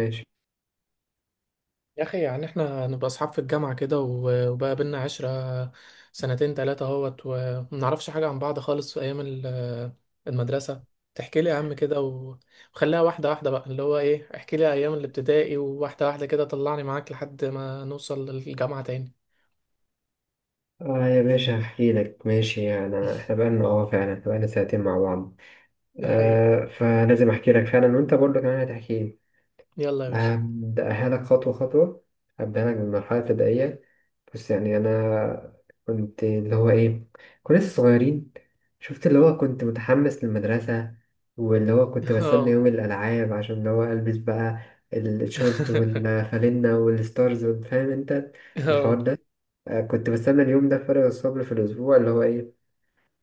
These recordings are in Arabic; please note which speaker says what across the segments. Speaker 1: ماشي،
Speaker 2: يا اخي، يعني احنا نبقى اصحاب في الجامعه كده وبقى بينا 10 سنتين تلاته اهوت وما نعرفش حاجه عن بعض خالص في ايام المدرسه. تحكي لي يا عم كده وخليها واحده واحده بقى، اللي هو ايه، احكي لي ايام الابتدائي، وواحده واحده كده طلعني معاك لحد ما نوصل للجامعه تاني.
Speaker 1: اه، يا باشا، هحكي لك. ماشي، يعني، احنا بقالنا، فعلا، احنا بقالنا ساعتين مع بعض.
Speaker 2: دي حقيقه.
Speaker 1: آه، فلازم احكي لك فعلا، وانت برضه كمان هتحكي لي.
Speaker 2: يلا يا باشا.
Speaker 1: هبدأها لك خطوة خطوة. هبدأها لك بالمرحلة الابتدائية. بس يعني أنا كنت اللي هو إيه كنا لسه صغيرين. شفت اللي هو كنت متحمس للمدرسة، واللي هو كنت بستنى
Speaker 2: اه.
Speaker 1: يوم الألعاب عشان اللي هو ألبس بقى الشورت والفانلة والستارز. فاهم أنت الحوار
Speaker 2: اه،
Speaker 1: ده؟ كنت بستنى اليوم ده فارغ الصبر في الأسبوع.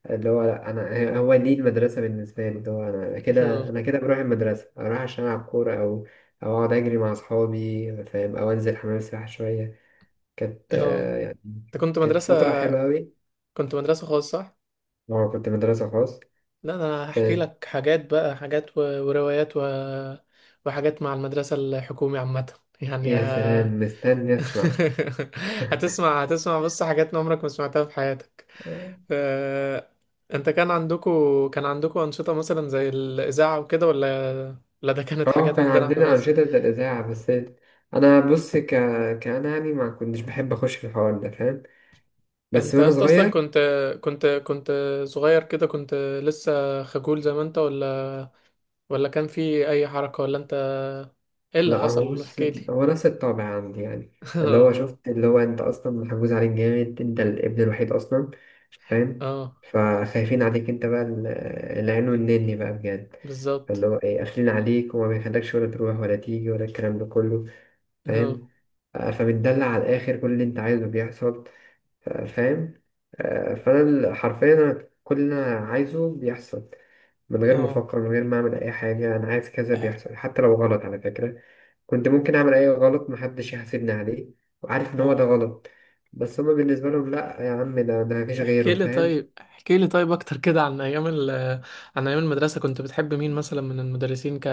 Speaker 1: اللي هو لا، انا هو دي المدرسه بالنسبه لي، اللي هو انا كده
Speaker 2: اه،
Speaker 1: انا كده بروح المدرسه، اروح عشان العب كوره، او اقعد اجري مع اصحابي، فاهم؟ او انزل حمام السباحه شويه. كانت
Speaker 2: اه،
Speaker 1: آه، يعني
Speaker 2: انت كنت
Speaker 1: كانت
Speaker 2: مدرسه،
Speaker 1: فتره حلوه قوي.
Speaker 2: كنت مدرسه خاصه صح؟
Speaker 1: هو كنت مدرسه خاص.
Speaker 2: لا، ده انا هحكي
Speaker 1: كانت.
Speaker 2: لك حاجات بقى، حاجات وروايات وحاجات مع المدرسة الحكومي عامة. يعني
Speaker 1: يا سلام، مستني اسمع.
Speaker 2: هتسمع، بص حاجات عمرك ما سمعتها في حياتك.
Speaker 1: اه،
Speaker 2: أه... انت كان عندكو، أنشطة مثلا زي الإذاعة وكده ولا؟ لا، ده كانت حاجات
Speaker 1: كان
Speaker 2: عندنا احنا
Speaker 1: عندنا
Speaker 2: بس.
Speaker 1: انشطه زي الاذاعه، بس. انا بص، كان، يعني ما كنتش بحب اخش في الحوار ده، فاهم؟ بس
Speaker 2: انت يا
Speaker 1: وانا
Speaker 2: اسطى اصلا
Speaker 1: صغير.
Speaker 2: كنت، كنت كنت صغير كده، كنت لسه خجول زي ما انت، ولا كان في اي حركة، ولا انت ايه اللي
Speaker 1: لا، هو
Speaker 2: حصل؟
Speaker 1: بص،
Speaker 2: احكي لي.
Speaker 1: هو نفس الطابع عندي، يعني اللي هو مم. شفت اللي هو انت اصلا محجوز عليك جامد. انت الابن الوحيد اصلا، فاهم؟
Speaker 2: اه،
Speaker 1: فخايفين عليك انت بقى، العين والنني بقى، بجد.
Speaker 2: بالظبط.
Speaker 1: فاللي هو ايه قافلين عليك، وما بيخلكش ولا تروح ولا تيجي، ولا الكلام ده كله،
Speaker 2: اه،
Speaker 1: فاهم؟ فمتدلع على الاخر، كل اللي انت عايزه بيحصل. فاهم. حرفيا، أنا كل اللي انا عايزه بيحصل، من غير ما
Speaker 2: اه،
Speaker 1: افكر، من غير ما اعمل اي حاجه. انا عايز كذا، بيحصل، حتى لو غلط على فكره. كنت ممكن اعمل اي غلط محدش يحاسبني عليه، وعارف ان هو ده
Speaker 2: اه.
Speaker 1: غلط. بس هما بالنسبه لهم، لا يا عم، ده مفيش
Speaker 2: تحكي
Speaker 1: غيره،
Speaker 2: لي
Speaker 1: فاهم؟
Speaker 2: طيب، احكي لي طيب اكتر كده عن ايام عن ايام المدرسة. كنت بتحب مين مثلا من المدرسين؟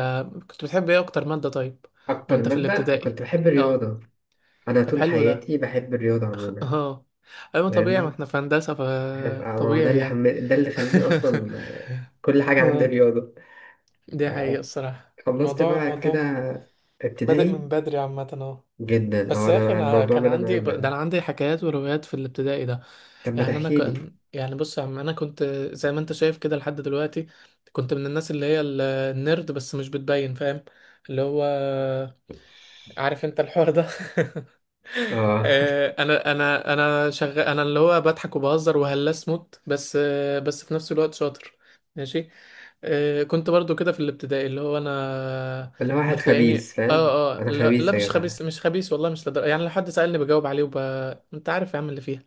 Speaker 2: كنت بتحب ايه اكتر مادة طيب؟
Speaker 1: اكتر
Speaker 2: وانت في
Speaker 1: ماده
Speaker 2: الابتدائي.
Speaker 1: كنت بحب
Speaker 2: اه،
Speaker 1: الرياضه. انا
Speaker 2: طب
Speaker 1: طول
Speaker 2: حلو ده.
Speaker 1: حياتي بحب الرياضه عموما.
Speaker 2: اه، ايوه طبيعي، ما
Speaker 1: فاهمني.
Speaker 2: احنا في هندسة
Speaker 1: عارف، ما هو
Speaker 2: فطبيعي يعني.
Speaker 1: ده اللي خلاني اصلا، كل حاجه عندي
Speaker 2: اه،
Speaker 1: رياضه.
Speaker 2: دي حقيقة الصراحة.
Speaker 1: خلصت
Speaker 2: الموضوع،
Speaker 1: بقى كده
Speaker 2: بادئ
Speaker 1: ابتدائي.
Speaker 2: من بدري عامة، اه.
Speaker 1: جدا،
Speaker 2: بس
Speaker 1: اه،
Speaker 2: يا اخي،
Speaker 1: انا
Speaker 2: انا
Speaker 1: الموضوع
Speaker 2: كان
Speaker 1: بدأ معايا
Speaker 2: عندي
Speaker 1: من
Speaker 2: ده،
Speaker 1: بدري.
Speaker 2: انا عندي حكايات وروايات في الابتدائي ده.
Speaker 1: طب، ما
Speaker 2: يعني انا
Speaker 1: تحكيلي.
Speaker 2: كان، يعني بص يا عم، انا كنت زي ما انت شايف كده لحد دلوقتي، كنت من الناس اللي هي النيرد، بس مش بتبين، فاهم؟ اللي هو عارف انت الحوار ده.
Speaker 1: اه.
Speaker 2: انا شغال، انا اللي هو بضحك وبهزر وهلاس موت بس، بس في نفس الوقت شاطر. ماشي. كنت برضو كده في الابتدائي، اللي هو انا
Speaker 1: انا واحد
Speaker 2: بتلاقيني.
Speaker 1: خبيث، فاهم؟
Speaker 2: اه، اه.
Speaker 1: انا
Speaker 2: لا, لا،
Speaker 1: خبيث يا
Speaker 2: مش
Speaker 1: جدع.
Speaker 2: خبيث، مش خبيث، والله مش يعني لو حد سألني بجاوب عليه انت عارف يا عم اللي فيها.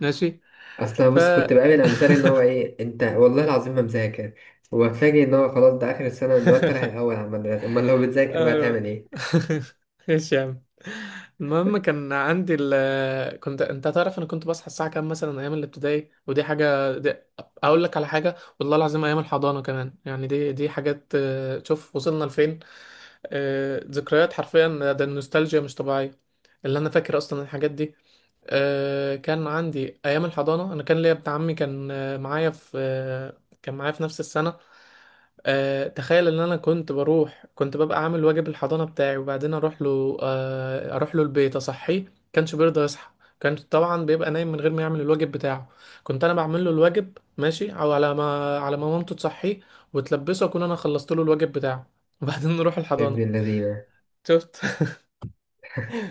Speaker 2: ماشي.
Speaker 1: اصل أنا
Speaker 2: ف
Speaker 1: بص، كنت بقابل امثال، ان هو ايه انت والله العظيم ما مذاكر. وفاجئ ان هو خلاص، ده اخر السنه، ده انت رايح الاول على المدرسه، امال لو بتذاكر بقى
Speaker 2: آه.
Speaker 1: تعمل ايه؟
Speaker 2: ايش يا عم. المهم كان عندي كنت، انت تعرف، انا كنت بصحى الساعه كام مثلا ايام الابتدائي، ودي حاجه. اقول لك على حاجه، والله العظيم ايام الحضانه كمان. يعني دي، حاجات. شوف وصلنا لفين. ذكريات حرفيا، ده النوستالجيا مش طبيعيه، اللي انا فاكر اصلا الحاجات دي. كان عندي ايام الحضانه، انا كان ليا ابن عمي كان معايا في، كان معايا في نفس السنه. تخيل ان انا كنت ببقى عامل واجب الحضانه بتاعي، وبعدين اروح له، البيت اصحيه، كانش بيرضى يصحى. كان طبعا بيبقى نايم من غير ما يعمل الواجب بتاعه. كنت انا بعمل له الواجب، ماشي، او على ما، مامته تصحيه وتلبسه، اكون انا خلصت له الواجب بتاعه، وبعدين نروح
Speaker 1: يا ابن
Speaker 2: الحضانه.
Speaker 1: الذين!
Speaker 2: شفت؟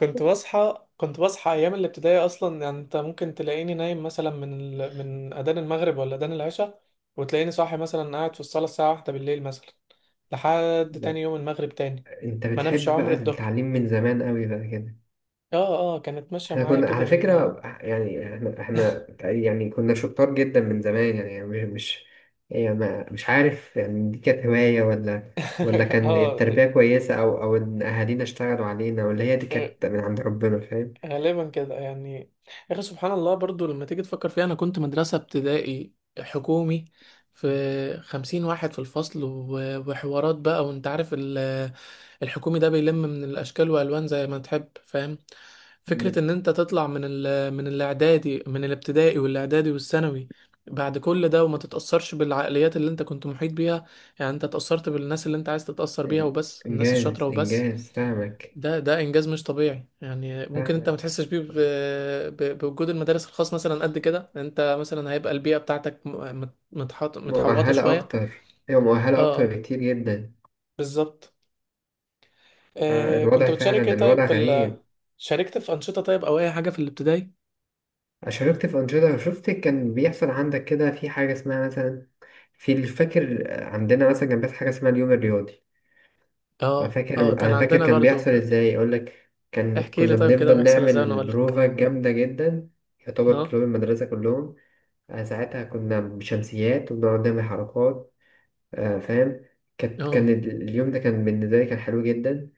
Speaker 2: كنت بصحى، ايام الابتدائي اصلا. يعني انت ممكن تلاقيني نايم مثلا من اذان المغرب ولا اذان العشاء، وتلاقيني صاحي مثلا قاعد في الصاله الساعه واحدة بالليل مثلا، لحد
Speaker 1: لا،
Speaker 2: تاني يوم المغرب تاني.
Speaker 1: انت
Speaker 2: ما نمش
Speaker 1: بتحب
Speaker 2: عمر
Speaker 1: بقى
Speaker 2: الظهر.
Speaker 1: التعليم من زمان قوي بقى كده.
Speaker 2: اه، اه، كانت ماشيه
Speaker 1: احنا
Speaker 2: معايا
Speaker 1: كنا
Speaker 2: كده
Speaker 1: على
Speaker 2: بال
Speaker 1: فكرة، يعني احنا يعني كنا شطار جدا من زمان، يعني مش، يعني، مش عارف، يعني دي كانت هواية، ولا كان
Speaker 2: اه،
Speaker 1: التربية كويسة، أو إن أهالينا اشتغلوا علينا، ولا هي دي
Speaker 2: آه،
Speaker 1: كانت من عند ربنا، فاهم؟
Speaker 2: غالبا كده يعني. يا اخي سبحان الله، برضو لما تيجي تفكر فيها، انا كنت مدرسه ابتدائي حكومي، في 50 واحد في الفصل، وحوارات بقى، وانت عارف الحكومي ده بيلم من الاشكال والوان زي ما تحب، فاهم؟ فكرة
Speaker 1: إن-
Speaker 2: ان انت تطلع من من الاعدادي، من الابتدائي والاعدادي والثانوي، بعد كل ده وما تتأثرش بالعقليات اللي انت كنت محيط بيها، يعني انت اتأثرت بالناس اللي انت عايز تتأثر بيها
Speaker 1: إن-
Speaker 2: وبس، الناس الشاطرة
Speaker 1: إنجاز
Speaker 2: وبس،
Speaker 1: إنجاز. فاهمك
Speaker 2: ده انجاز مش طبيعي. يعني ممكن انت ما
Speaker 1: فاهمك.
Speaker 2: تحسش بيه بوجود المدارس الخاص مثلا، قد كده انت مثلا هيبقى البيئة بتاعتك م- مت- متحط متحوطة
Speaker 1: مؤهلة
Speaker 2: شوية.
Speaker 1: أكتر، هي
Speaker 2: اه،
Speaker 1: مؤهلة أكتر
Speaker 2: اه،
Speaker 1: بكتير جدا.
Speaker 2: بالظبط. كنت بتشارك ايه
Speaker 1: الوضع
Speaker 2: طيب؟
Speaker 1: غريب.
Speaker 2: شاركت في أنشطة طيب أو أي حاجة في الابتدائي؟
Speaker 1: شاركت في أنشطة. شفت كان بيحصل عندك كده في حاجة اسمها مثلا، في الفاكر عندنا مثلا كان بيحصل حاجة اسمها اليوم الرياضي. أنا
Speaker 2: اه،
Speaker 1: فاكر
Speaker 2: اه، كان
Speaker 1: أنا فاكر
Speaker 2: عندنا
Speaker 1: كان
Speaker 2: برضه
Speaker 1: بيحصل
Speaker 2: كان
Speaker 1: إزاي أقولك.
Speaker 2: احكي لي
Speaker 1: كنا
Speaker 2: طيب كده،
Speaker 1: بنفضل
Speaker 2: بيحصل ازاي وأنا
Speaker 1: نعمل
Speaker 2: أقول لك.
Speaker 1: بروفا جامدة جدا، يعتبر
Speaker 2: اه،
Speaker 1: طلاب المدرسة كلهم. ساعتها كنا بشمسيات وبنقعد نعمل حركات. فاهم.
Speaker 2: اه.
Speaker 1: اليوم ده كان بالنسبة لي، كان حلو جدا،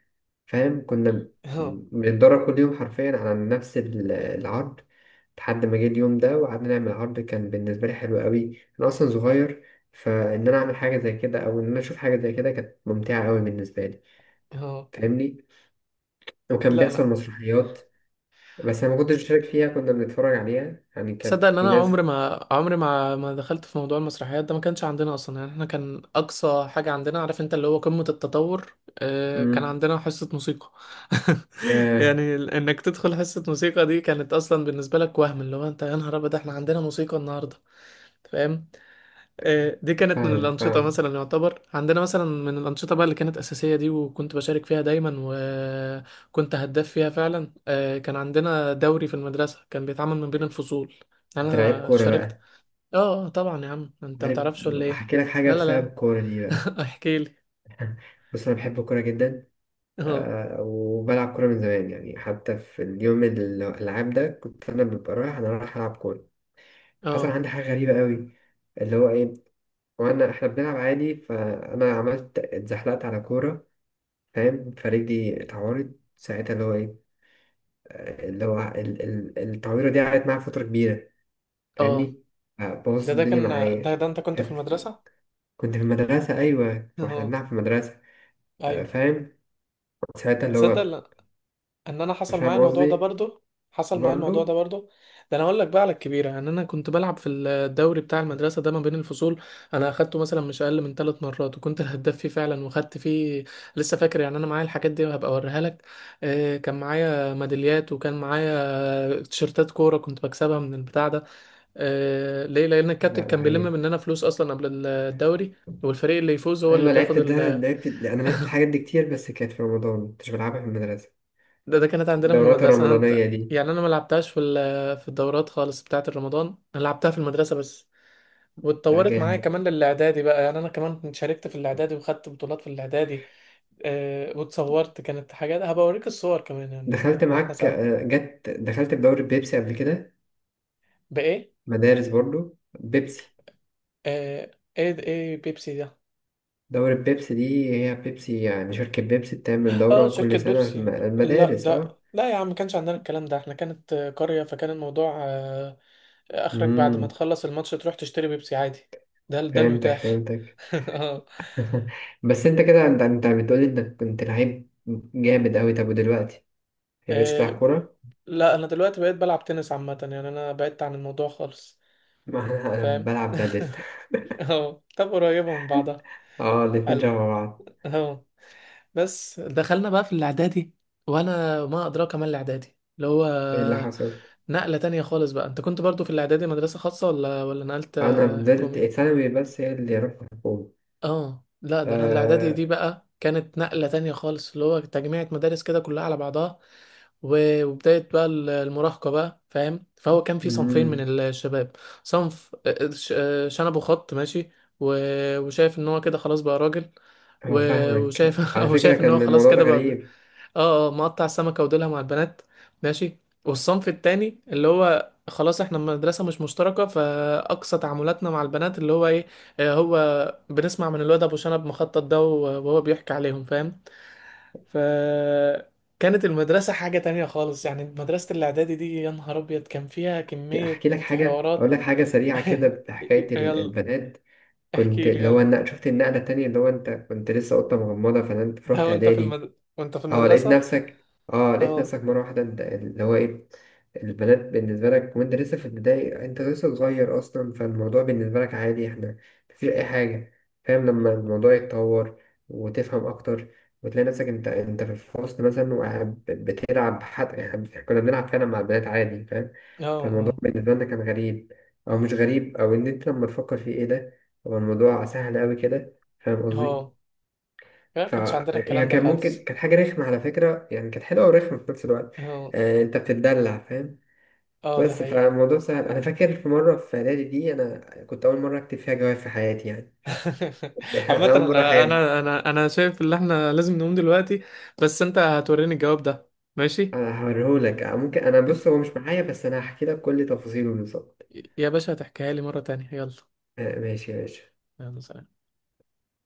Speaker 1: فاهم؟ كنا
Speaker 2: اه،
Speaker 1: بنتدرب كل يوم حرفيا على نفس العرض، لحد ما جه اليوم ده وقعدنا نعمل عرض كان بالنسبة لي حلو قوي. أنا أصلا صغير، فإن أنا أعمل حاجة زي كده أو إن أنا أشوف حاجة زي كده كانت ممتعة قوي بالنسبة لي،
Speaker 2: اه.
Speaker 1: فاهمني. وكان
Speaker 2: لا، أنا
Speaker 1: بيحصل مسرحيات، بس أنا ما كنتش بشارك فيها، كنا بنتفرج عليها، يعني كان
Speaker 2: تصدق إن
Speaker 1: في
Speaker 2: أنا
Speaker 1: ناس.
Speaker 2: عمري ما دخلت في موضوع المسرحيات ده. ما كانش عندنا أصلا، يعني احنا كان أقصى حاجة عندنا، عارف أنت، اللي هو قمة التطور، كان
Speaker 1: مم.
Speaker 2: عندنا حصة موسيقى.
Speaker 1: ياه!
Speaker 2: يعني إنك تدخل حصة موسيقى دي كانت أصلا بالنسبة لك وهم، اللي هو أنت يا نهار أبيض احنا عندنا موسيقى النهاردة، فاهم؟ دي كانت من
Speaker 1: فاهمك
Speaker 2: الأنشطة
Speaker 1: فاهمك.
Speaker 2: مثلا، يعتبر عندنا مثلا من الأنشطة بقى اللي كانت أساسية دي، وكنت بشارك فيها دايما، وكنت هداف فيها فعلا. كان عندنا دوري في المدرسة، كان بيتعمل من بين الفصول، يعني
Speaker 1: أنت لعيب
Speaker 2: أنا
Speaker 1: كورة
Speaker 2: شاركت.
Speaker 1: بقى.
Speaker 2: اه، طبعا يا عم، أنت ما
Speaker 1: عارف.
Speaker 2: تعرفش ولا إيه؟
Speaker 1: أحكي لك حاجة
Speaker 2: لا، لا،
Speaker 1: بسبب
Speaker 2: لا.
Speaker 1: الكورة دي بقى.
Speaker 2: احكي لي.
Speaker 1: بص، أنا بحب الكورة جدا.
Speaker 2: اه،
Speaker 1: وبلعب كورة من زمان، يعني حتى في اليوم الألعاب ده كنت أنا رايح ألعب كورة. حصل
Speaker 2: اه،
Speaker 1: عندي حاجة غريبة قوي، اللي هو إيه وأنا إحنا بنلعب عادي، فأنا اتزحلقت على كورة، فاهم؟ فرجلي اتعورت ساعتها اللي هو إيه آه، اللي هو ال- ال- التعويرة دي قعدت معايا فترة كبيرة،
Speaker 2: اه،
Speaker 1: فاهمني.
Speaker 2: ده
Speaker 1: بوظت
Speaker 2: ده
Speaker 1: الدنيا
Speaker 2: كان ده
Speaker 1: معايا.
Speaker 2: ده أنت كنت في
Speaker 1: كان في-
Speaker 2: المدرسة.
Speaker 1: كنت في المدرسة، أيوة،
Speaker 2: اه،
Speaker 1: وإحنا
Speaker 2: آه.
Speaker 1: بنلعب في المدرسة.
Speaker 2: أيوه.
Speaker 1: فاهم، ساعتها. اللي هو
Speaker 2: تصدق ان انا حصل معايا
Speaker 1: فاهم
Speaker 2: الموضوع ده
Speaker 1: قصدي؟
Speaker 2: برضو. حصل معايا الموضوع ده
Speaker 1: برضه.
Speaker 2: برضو. ده انا اقول لك بقى على الكبيره، ان انا كنت بلعب في الدوري بتاع المدرسه ده ما بين الفصول، انا اخدته مثلا مش اقل من 3 مرات، وكنت الهداف فيه فعلا وخدت فيه. لسه فاكر، يعني انا معايا الحاجات دي وهبقى اوريها لك. كان معايا ميداليات، وكان معايا تيشيرتات كوره كنت بكسبها من البتاع ده. ليه؟ لان
Speaker 1: لا،
Speaker 2: الكابتن
Speaker 1: لا،
Speaker 2: كان بيلم
Speaker 1: عيب.
Speaker 2: مننا فلوس اصلا قبل الدوري، والفريق اللي يفوز هو اللي
Speaker 1: ايوه،
Speaker 2: بياخد.
Speaker 1: لعبت ده لعبت انا لعبت الحاجات دي كتير، بس كانت في رمضان، كنتش بلعبها في المدرسه.
Speaker 2: ده كانت عندنا في
Speaker 1: الدورات
Speaker 2: المدرسة. أنا، أنت
Speaker 1: الرمضانيه دي.
Speaker 2: يعني أنا ما لعبتهاش في الدورات خالص بتاعة الرمضان، أنا لعبتها في المدرسة بس.
Speaker 1: لا،
Speaker 2: واتطورت معايا
Speaker 1: جامد.
Speaker 2: كمان للإعدادي بقى، يعني أنا كمان كنت شاركت في الإعدادي وخدت بطولات في الإعدادي. أه، واتصورت، كانت حاجات هبقى أوريك الصور كمان يعني
Speaker 1: دخلت
Speaker 2: وإحنا
Speaker 1: معاك،
Speaker 2: سوا.
Speaker 1: جت، دخلت في دوري بيبسي قبل كده.
Speaker 2: بإيه؟
Speaker 1: مدارس برضو بيبسي.
Speaker 2: أه، إيه بيبسي ده؟
Speaker 1: دوري بيبسي دي، هي بيبسي، يعني شركه بيبسي بتعمل
Speaker 2: اه،
Speaker 1: دوره
Speaker 2: شركة
Speaker 1: كل سنه في
Speaker 2: بيبسي. لا،
Speaker 1: المدارس.
Speaker 2: ده
Speaker 1: اه.
Speaker 2: لا يا عم، ما كانش عندنا الكلام ده. احنا كانت قرية، فكان الموضوع، اخرك بعد ما
Speaker 1: امم
Speaker 2: تخلص الماتش تروح تشتري بيبسي عادي. ده
Speaker 1: فهمتك
Speaker 2: المتاح.
Speaker 1: فهمتك.
Speaker 2: اه.
Speaker 1: بس انت كده، انت بتقولي انك كنت لعيب جامد قوي. طب، ودلوقتي، ما بقتش تلعب
Speaker 2: آه،
Speaker 1: كوره؟
Speaker 2: لا، انا دلوقتي بقيت بلعب تنس عامة، يعني انا بعدت عن الموضوع خالص.
Speaker 1: ما أنا
Speaker 2: فاهم.
Speaker 1: بلعب بدل.
Speaker 2: اه، طب قريبة من بعضها.
Speaker 1: اه، الاتنين
Speaker 2: حلو.
Speaker 1: شبه بعض.
Speaker 2: اه. بس دخلنا بقى في الاعدادي، وانا ما ادراك ما الاعدادي، اللي هو
Speaker 1: ايه اللي حصل؟
Speaker 2: نقلة تانية خالص بقى. انت كنت برضو في الاعدادي مدرسة خاصة ولا، نقلت
Speaker 1: انا فضلت
Speaker 2: حكومي؟
Speaker 1: ثانوي، بس هي اللي رحت حكومة.
Speaker 2: اه. لا، ده انا الاعدادي
Speaker 1: آه،
Speaker 2: دي بقى كانت نقلة تانية خالص، اللي هو تجميعة مدارس كده كلها على بعضها، وبداية بقى المراهقة بقى، فاهم؟ فهو كان في صنفين
Speaker 1: أمم،
Speaker 2: من الشباب: صنف شنبه خط، ماشي، وشايف ان هو كده خلاص بقى راجل،
Speaker 1: هو
Speaker 2: وشايف
Speaker 1: فاهمك على
Speaker 2: هو
Speaker 1: فكرة،
Speaker 2: شايف ان هو
Speaker 1: كان
Speaker 2: خلاص
Speaker 1: الموضوع ده
Speaker 2: كده بقى.
Speaker 1: غريب.
Speaker 2: اه، اه، مقطع السمكة وديلها مع البنات. ماشي. والصنف التاني اللي هو خلاص احنا مدرسة مش مشتركة، فأقصى تعاملاتنا مع البنات اللي هو ايه، هو بنسمع من الواد أبو شنب مخطط ده، وهو بيحكي عليهم، فاهم؟ ف كانت المدرسة حاجة تانية خالص، يعني مدرسة الإعدادي دي يا نهار أبيض كان فيها كمية
Speaker 1: احكي لك حاجة اقول
Speaker 2: حوارات.
Speaker 1: لك حاجة سريعة كده بحكاية
Speaker 2: يلا
Speaker 1: البنات. كنت
Speaker 2: احكي لي، يلا.
Speaker 1: شفت النقلة التانية، اللي هو انت كنت لسه قطة مغمضة، فنمت
Speaker 2: ده
Speaker 1: رحت
Speaker 2: وانت
Speaker 1: اعدادي.
Speaker 2: وانت في
Speaker 1: اه، لقيت
Speaker 2: المدرسة.
Speaker 1: نفسك. اه، لقيت
Speaker 2: اه،
Speaker 1: نفسك مرة واحدة، انت اللي هو ايه البنات بالنسبة لك، وانت لسه في البداية، انت لسه صغير اصلا، فالموضوع بالنسبة لك عادي. احنا مفيش اي حاجة، فاهم؟ لما الموضوع يتطور وتفهم اكتر وتلاقي نفسك انت في الفصل مثلا وقاعد بتلعب حد، يعني كنا بنلعب فعلا مع البنات عادي، فاهم؟
Speaker 2: اه،
Speaker 1: فالموضوع
Speaker 2: اه،
Speaker 1: بالنسبة لنا كان غريب، او مش غريب، او ان انت لما تفكر فيه ايه ده، هو الموضوع سهل اوي كده، فاهم قصدي؟
Speaker 2: اه، ما كانش عندنا
Speaker 1: فهي
Speaker 2: الكلام ده
Speaker 1: كان ممكن
Speaker 2: خالص.
Speaker 1: كانت حاجة رخمة على فكرة، يعني كانت حلوة ورخمة في نفس الوقت.
Speaker 2: اه،
Speaker 1: انت بتتدلع، فاهم.
Speaker 2: اه، دي
Speaker 1: بس
Speaker 2: حقيقة.
Speaker 1: فالموضوع سهل. انا فاكر في مرة، في اعدادي دي، انا كنت اول مرة اكتب فيها جواب في حياتي، يعني.
Speaker 2: عامة
Speaker 1: اول مرة
Speaker 2: انا،
Speaker 1: احب.
Speaker 2: شايف ان احنا لازم نقوم دلوقتي، بس انت هتوريني الجواب ده، ماشي
Speaker 1: انا هوريهولك. ممكن، انا بص، هو مش معايا، بس انا هحكي لك كل تفاصيله بالظبط.
Speaker 2: يا باشا؟ هتحكيها لي مرة تانية. يلا.
Speaker 1: آه، ماشي يا باشا.
Speaker 2: يلا سلام.